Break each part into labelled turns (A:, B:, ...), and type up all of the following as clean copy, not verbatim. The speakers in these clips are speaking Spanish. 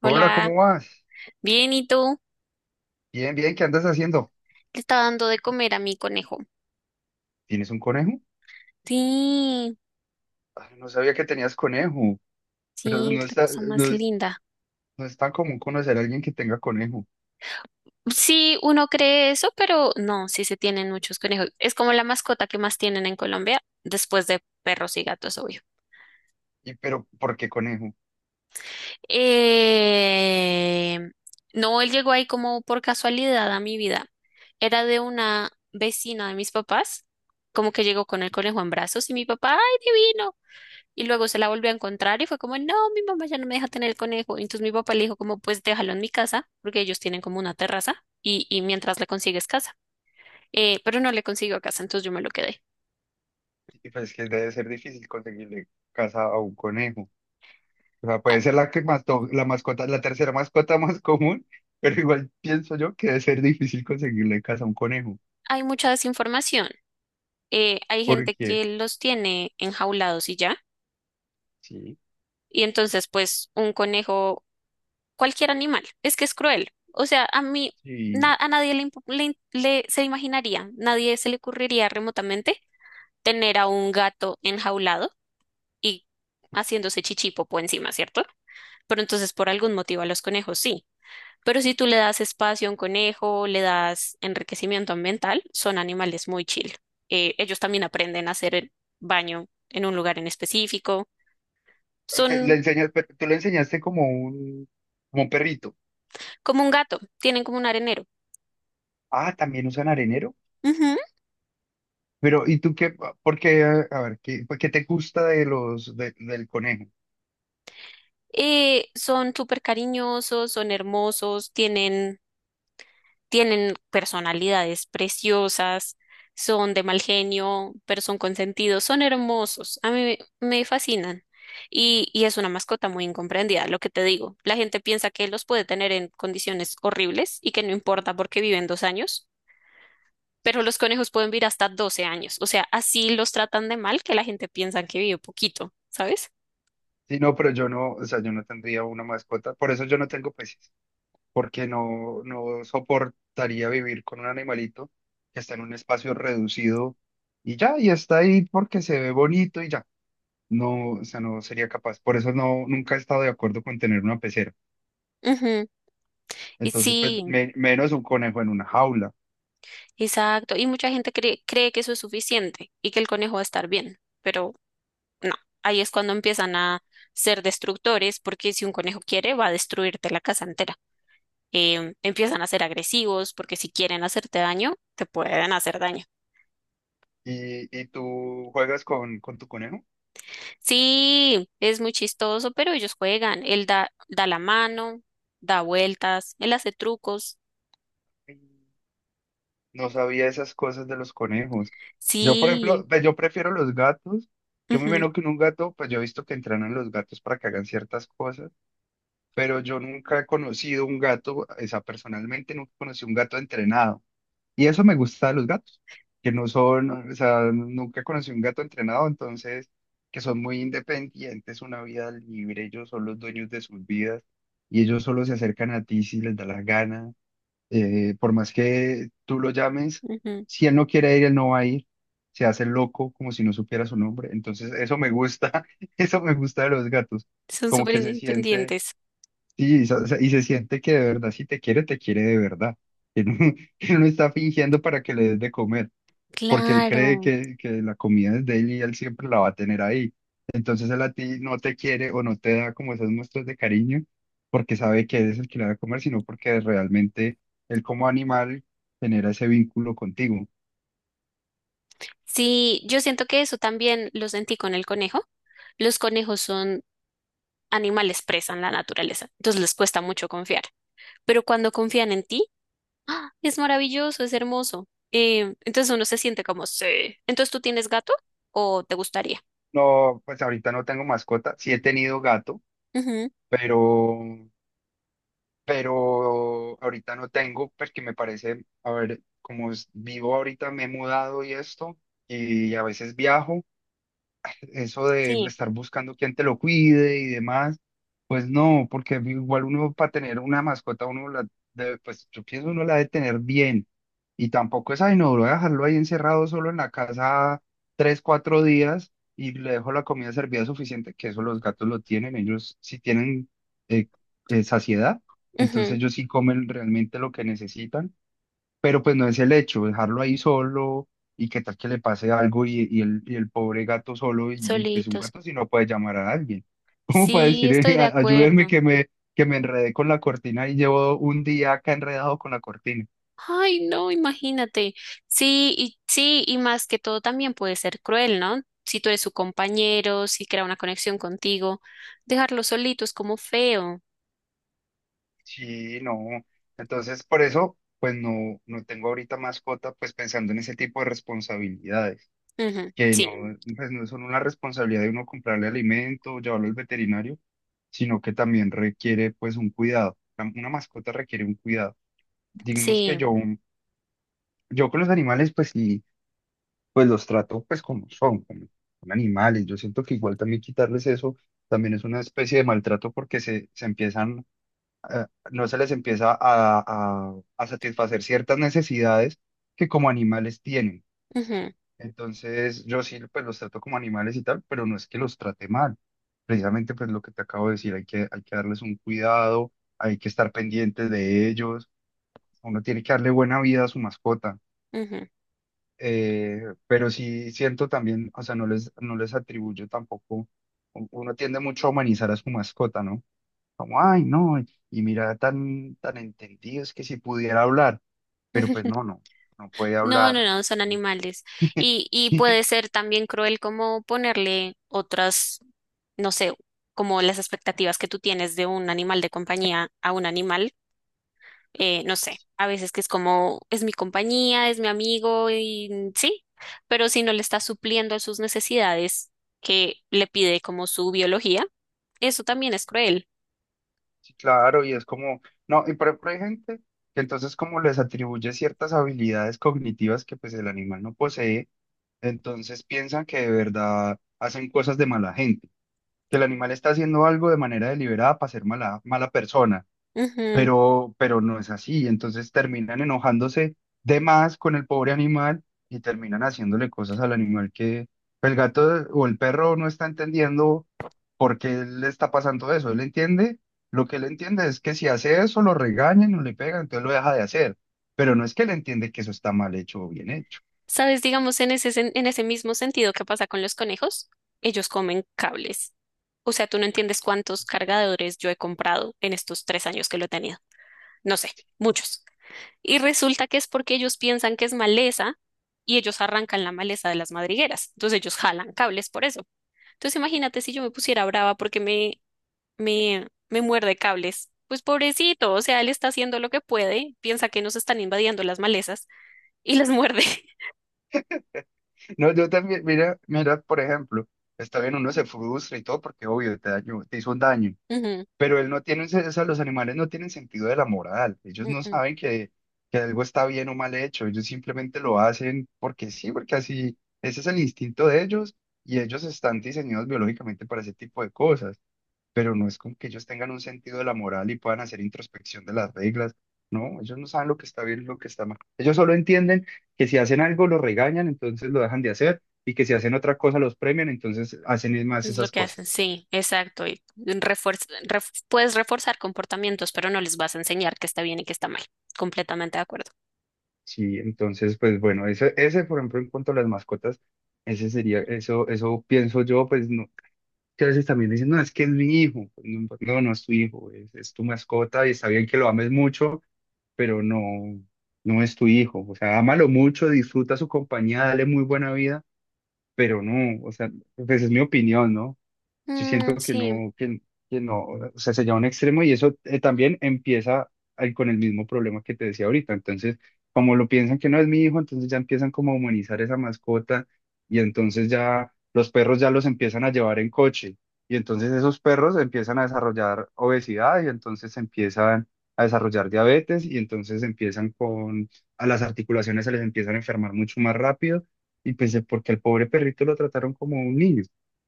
A: Hola,
B: Hola,
A: ¿cómo vas?
B: bien, ¿y tú?
A: Bien, bien, ¿qué andas haciendo?
B: Le estaba dando de comer a mi conejo.
A: ¿Tienes un conejo?
B: Sí,
A: Ay, no sabía que tenías conejo, pero
B: sí,
A: no
B: es la
A: está,
B: cosa más
A: no es,
B: linda.
A: no es tan común conocer a alguien que tenga conejo.
B: Sí, uno cree eso, pero no, sí se tienen muchos conejos. Es como la mascota que más tienen en Colombia, después de perros y gatos, obvio.
A: ¿Y pero por qué conejo?
B: Eh, no, él llegó ahí como por casualidad a mi vida. Era de una vecina de mis papás, como que llegó con el conejo en brazos y mi papá, ¡ay, divino! Y luego se la volvió a encontrar y fue como, no, mi mamá ya no me deja tener el conejo. Y entonces mi papá le dijo como, pues déjalo en mi casa, porque ellos tienen como una terraza y mientras le consigues casa. Pero no le consiguió casa, entonces yo me lo quedé.
A: Y pues que debe ser difícil conseguirle casa a un conejo. O sea,
B: Ha-
A: puede ser la que mató, la mascota, la tercera mascota más común, pero igual pienso yo que debe ser difícil conseguirle casa a un conejo.
B: Hay mucha desinformación. Hay gente
A: Porque,
B: que los tiene enjaulados y ya.
A: sí,
B: Y entonces, pues, un conejo, cualquier animal, es que es cruel. O sea, a mí,
A: sí.
B: a nadie le, se imaginaría, nadie se le ocurriría remotamente tener a un gato enjaulado y haciéndose chichipopo encima, ¿cierto? Pero entonces por algún motivo a los conejos sí. Pero si tú le das espacio a un conejo, le das enriquecimiento ambiental, son animales muy chill. Ellos también aprenden a hacer el baño en un lugar en específico.
A: Le
B: Son
A: enseñas, pero tú le enseñaste como un perrito.
B: como un gato, tienen como un arenero.
A: Ah, ¿también usan arenero?
B: Ujú.
A: Pero, ¿y tú qué? Porque, a ver, ¿qué, qué te gusta de los, del conejo?
B: Son súper cariñosos, son hermosos, tienen personalidades preciosas, son de mal genio, pero son consentidos, son hermosos, a mí me fascinan. Y es una mascota muy incomprendida, lo que te digo. La gente piensa que los puede tener en condiciones horribles y que no importa porque viven 2 años, pero los conejos pueden vivir hasta 12 años. O sea, así los tratan de mal que la gente piensa que vive poquito, ¿sabes?
A: Sí, no, pero yo no, o sea, yo no tendría una mascota, por eso yo no tengo peces, porque no, no soportaría vivir con un animalito que está en un espacio reducido y ya, y está ahí porque se ve bonito y ya. No, o sea, no sería capaz. Por eso no, nunca he estado de acuerdo con tener una pecera.
B: Ujú. Y
A: Entonces, pues,
B: sí,
A: menos un conejo en una jaula.
B: exacto. Y mucha gente cree, cree que eso es suficiente y que el conejo va a estar bien, pero no, ahí es cuando empiezan a ser destructores, porque si un conejo quiere, va a destruirte la casa entera. Empiezan a ser agresivos, porque si quieren hacerte daño, te pueden hacer daño.
A: Y tú juegas con tu conejo?
B: Sí, es muy chistoso, pero ellos juegan. Él da, da la mano, da vueltas, él hace trucos.
A: No sabía esas cosas de los conejos. Yo, por
B: Sí,
A: ejemplo, pues, yo prefiero los gatos. Yo me
B: ujú,
A: imagino que en un gato, pues yo he visto que entrenan los gatos para que hagan ciertas cosas, pero yo nunca he conocido un gato, o sea, personalmente nunca conocí un gato entrenado. Y eso me gusta de los gatos, que no son, o sea, nunca conocí un gato entrenado, entonces, que son muy independientes, una vida libre, ellos son los dueños de sus vidas y ellos solo se acercan a ti si les da la gana. Por más que tú lo llames,
B: ujú,
A: si él no quiere ir, él no va a ir. Se hace loco como si no supiera su nombre. Entonces, eso me gusta, eso me gusta de los gatos.
B: son
A: Como
B: súper
A: que se siente,
B: independientes.
A: sí, y se siente que de verdad, si te quiere, te quiere de verdad. Que no, que no está fingiendo para que le des de comer porque él
B: Claro.
A: cree que la comida es de él y él siempre la va a tener ahí. Entonces él a ti no te quiere o no te da como esas muestras de cariño porque sabe que eres el que la va a comer, sino porque realmente él como animal genera ese vínculo contigo.
B: Sí, yo siento que eso también lo sentí con el conejo. Los conejos son animales presa en la naturaleza, entonces les cuesta mucho confiar. Pero cuando confían en ti, ¡ah! Es maravilloso, es hermoso. Entonces uno se siente como, sí. Entonces tú tienes gato o te gustaría.
A: No, pues ahorita no tengo mascota, sí he tenido gato,
B: Ujú,
A: pero, pero ahorita no tengo porque me parece, a ver, como vivo ahorita, me he mudado y esto, y a veces viajo. Eso de
B: sí,
A: estar buscando quién te lo cuide y demás, pues no, porque igual uno para tener una mascota, uno la debe, pues yo pienso uno la debe tener bien. Y tampoco es, ay, no, voy a dejarlo ahí encerrado solo en la casa tres, cuatro días y le dejo la comida servida suficiente, que eso los gatos lo tienen, ellos sí tienen eh, saciedad, entonces
B: ujú,
A: ellos sí comen realmente lo que necesitan pero pues no es el hecho, dejarlo ahí solo y qué tal que le pase algo y el pobre gato solo y, pues un
B: solitos.
A: gato si no puede llamar a alguien. ¿Cómo para
B: Sí,
A: decir,
B: estoy de
A: Ayúdenme
B: acuerdo.
A: que me enredé con la cortina y llevo un día acá enredado con la cortina?
B: Ay, no, imagínate. Sí, y sí, y más que todo también puede ser cruel, ¿no? Si tú eres su compañero, si crea una conexión contigo, dejarlo solito es como feo.
A: Sí, no. Entonces por eso pues no, no tengo ahorita mascota pues pensando en ese tipo de responsabilidades,
B: Ujú,
A: que no,
B: sí,
A: pues no son una responsabilidad de uno comprarle alimento, llevarlo al veterinario sino que también requiere pues un cuidado. Una mascota requiere un cuidado. Digamos que
B: sí.
A: yo con los animales pues sí, pues los trato pues como, son animales. Yo siento que igual también quitarles eso también es una especie de maltrato porque se empiezan, eh, no se les empieza a, a satisfacer ciertas necesidades que como animales tienen.
B: Ujú,
A: Entonces, yo sí, pues los trato como animales y tal, pero no es que los trate mal. Precisamente, pues lo que te acabo de decir, hay que darles un cuidado, hay que estar pendientes de ellos, uno tiene que darle buena vida a su mascota.
B: ujú,
A: Pero sí siento también, o sea, no les, no les atribuyo tampoco, uno tiende mucho a humanizar a su mascota, ¿no? Como, ay, no, y mira, tan, tan entendido, es que si pudiera hablar, pero pues
B: ujú.
A: no, no, no puede
B: No, no,
A: hablar.
B: no, son
A: Entonces,
B: animales. Y, y
A: sí,
B: puede ser también cruel como ponerle otras, no sé, como las expectativas que tú tienes de un animal de compañía a un animal, no sé, a veces que es como, es mi compañía, es mi amigo y sí, pero si no le está supliendo a sus necesidades que le pide como su biología, eso también es cruel.
A: sí, claro, y es como, no, y por ejemplo hay gente que entonces como les atribuye ciertas habilidades cognitivas que pues el animal no posee, entonces piensan que de verdad hacen cosas de mala gente, que el animal está haciendo algo de manera deliberada para ser mala, mala persona pero no es así. Entonces terminan enojándose de más con el pobre animal y terminan haciéndole cosas al animal que pues, el gato o el perro no está entendiendo por qué le está pasando eso. Él entiende, lo que él entiende es que si hace eso lo regañan o le pegan, entonces lo deja de hacer. Pero no es que él entiende que eso está mal hecho o bien hecho.
B: Sabes, digamos, en ese, en ese mismo sentido que pasa con los conejos, ellos comen cables. O sea, tú no entiendes cuántos cargadores yo he comprado en estos 3 años que lo he tenido. No sé, muchos. Y resulta que es porque ellos piensan que es maleza y ellos arrancan la maleza de las madrigueras. Entonces ellos jalan cables por eso. Entonces imagínate si yo me pusiera brava porque me muerde cables. Pues pobrecito, o sea, él está haciendo lo que puede, piensa que nos están invadiendo las malezas y las muerde.
A: No, yo también, mira, mira, por ejemplo, está bien, uno se frustra y todo porque obvio te dañó, te hizo un daño.
B: Ujú,
A: Pero él no tiene, o sea, los animales no tienen sentido de la moral. Ellos no
B: ujú.
A: saben que algo está bien o mal hecho. Ellos simplemente lo hacen porque sí, porque así, ese es el instinto de ellos y ellos están diseñados biológicamente para ese tipo de cosas. Pero no es como que ellos tengan un sentido de la moral y puedan hacer introspección de las reglas. No, ellos no saben lo que está bien y lo que está mal. Ellos solo entienden que si hacen algo lo regañan, entonces lo dejan de hacer y que si hacen otra cosa los premian, entonces hacen más
B: Es lo
A: esas
B: que hacen,
A: cosas.
B: sí, exacto. Y puedes reforzar comportamientos, pero no les vas a enseñar qué está bien y qué está mal. Completamente de acuerdo.
A: Sí, entonces, pues bueno, ese, por ejemplo, en cuanto a las mascotas, ese sería, eso pienso yo, pues no, que a veces también dicen, no, es que es mi hijo, pues, no, no, no es tu hijo, es tu mascota y está bien que lo ames mucho, pero no, no es tu hijo, o sea, ámalo mucho, disfruta su compañía, dale muy buena vida, pero no, o sea, pues es mi opinión, ¿no? Yo
B: Mm,
A: siento
B: sí,
A: que no, o sea, se lleva a un extremo y eso también empieza con el mismo problema que te decía ahorita. Entonces, como lo piensan que no es mi hijo, entonces ya empiezan como a humanizar esa mascota y entonces ya los perros ya los empiezan a llevar en coche y entonces esos perros empiezan a desarrollar obesidad y entonces empiezan a desarrollar diabetes y entonces empiezan con, a las articulaciones se les empiezan a enfermar mucho más rápido y pues porque al pobre perrito lo trataron como un niño.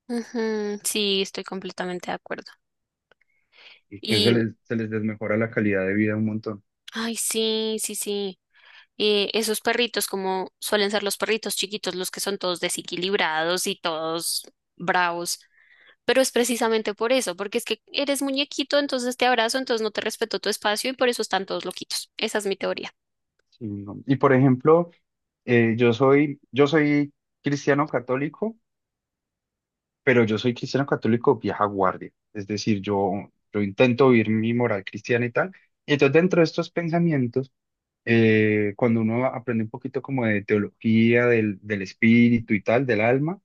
B: ujú, sí, estoy completamente de acuerdo.
A: Entonces
B: Y,
A: se les desmejora la calidad de vida un montón.
B: ay, sí, sí, sí. Esos perritos, como suelen ser los perritos chiquitos, los que son todos desequilibrados y todos bravos. Pero es precisamente por eso, porque es que eres muñequito, entonces te abrazo, entonces no te respeto tu espacio y por eso están todos loquitos. Esa es mi teoría.
A: Sí, no. Y por ejemplo, yo soy cristiano católico, pero yo soy cristiano católico vieja guardia. Es decir, yo intento vivir mi moral cristiana y tal. Y entonces dentro de estos pensamientos, cuando uno aprende un poquito como de teología del, del espíritu y tal, del alma,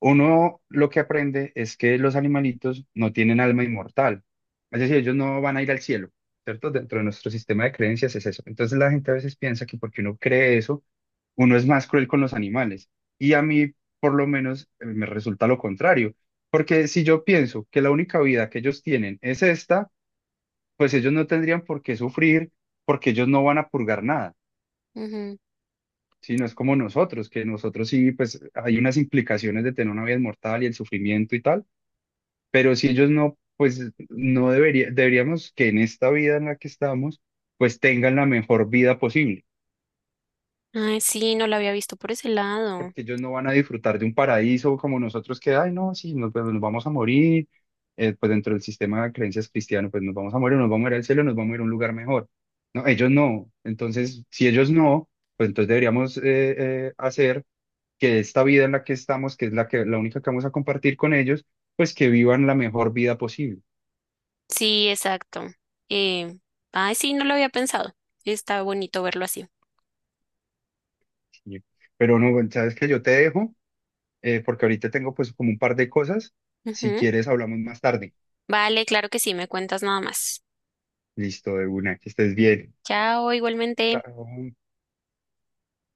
A: uno lo que aprende es que los animalitos no tienen alma inmortal, es decir, ellos no van a ir al cielo, ¿cierto? Dentro de nuestro sistema de creencias es eso. Entonces la gente a veces piensa que porque uno cree eso, uno es más cruel con los animales. Y a mí, por lo menos, me resulta lo contrario, porque si yo pienso que la única vida que ellos tienen es esta, pues ellos no tendrían por qué sufrir, porque ellos no van a purgar nada.
B: Ujú.
A: Si no es como nosotros, que nosotros sí, pues hay unas implicaciones de tener una vida inmortal y el sufrimiento y tal pero si ellos no, pues no debería, deberíamos que en esta vida en la que estamos, pues tengan la mejor vida posible,
B: Ay, sí, no lo había visto por ese lado.
A: porque ellos no van a disfrutar de un paraíso como nosotros que, ay, no, sí, nos, pues, nos vamos a morir, pues dentro del sistema de creencias cristiano, pues nos vamos a morir, nos vamos a ir al cielo, nos vamos a ir a un lugar mejor. No, ellos no. Entonces, si ellos no, pues entonces deberíamos hacer que esta vida en la que estamos, que es la que, la única que vamos a compartir con ellos, pues que vivan la mejor vida posible.
B: Sí, exacto. Eh, Ay, sí, no lo había pensado. Está bonito verlo así.
A: Sí. Pero no, bueno, sabes que yo te dejo, porque ahorita tengo pues como un par de cosas. Si
B: Ujú.
A: quieres, hablamos más tarde.
B: Vale, claro que sí, me cuentas nada más.
A: Listo, de una, que estés bien.
B: Chao, igualmente.
A: Chao.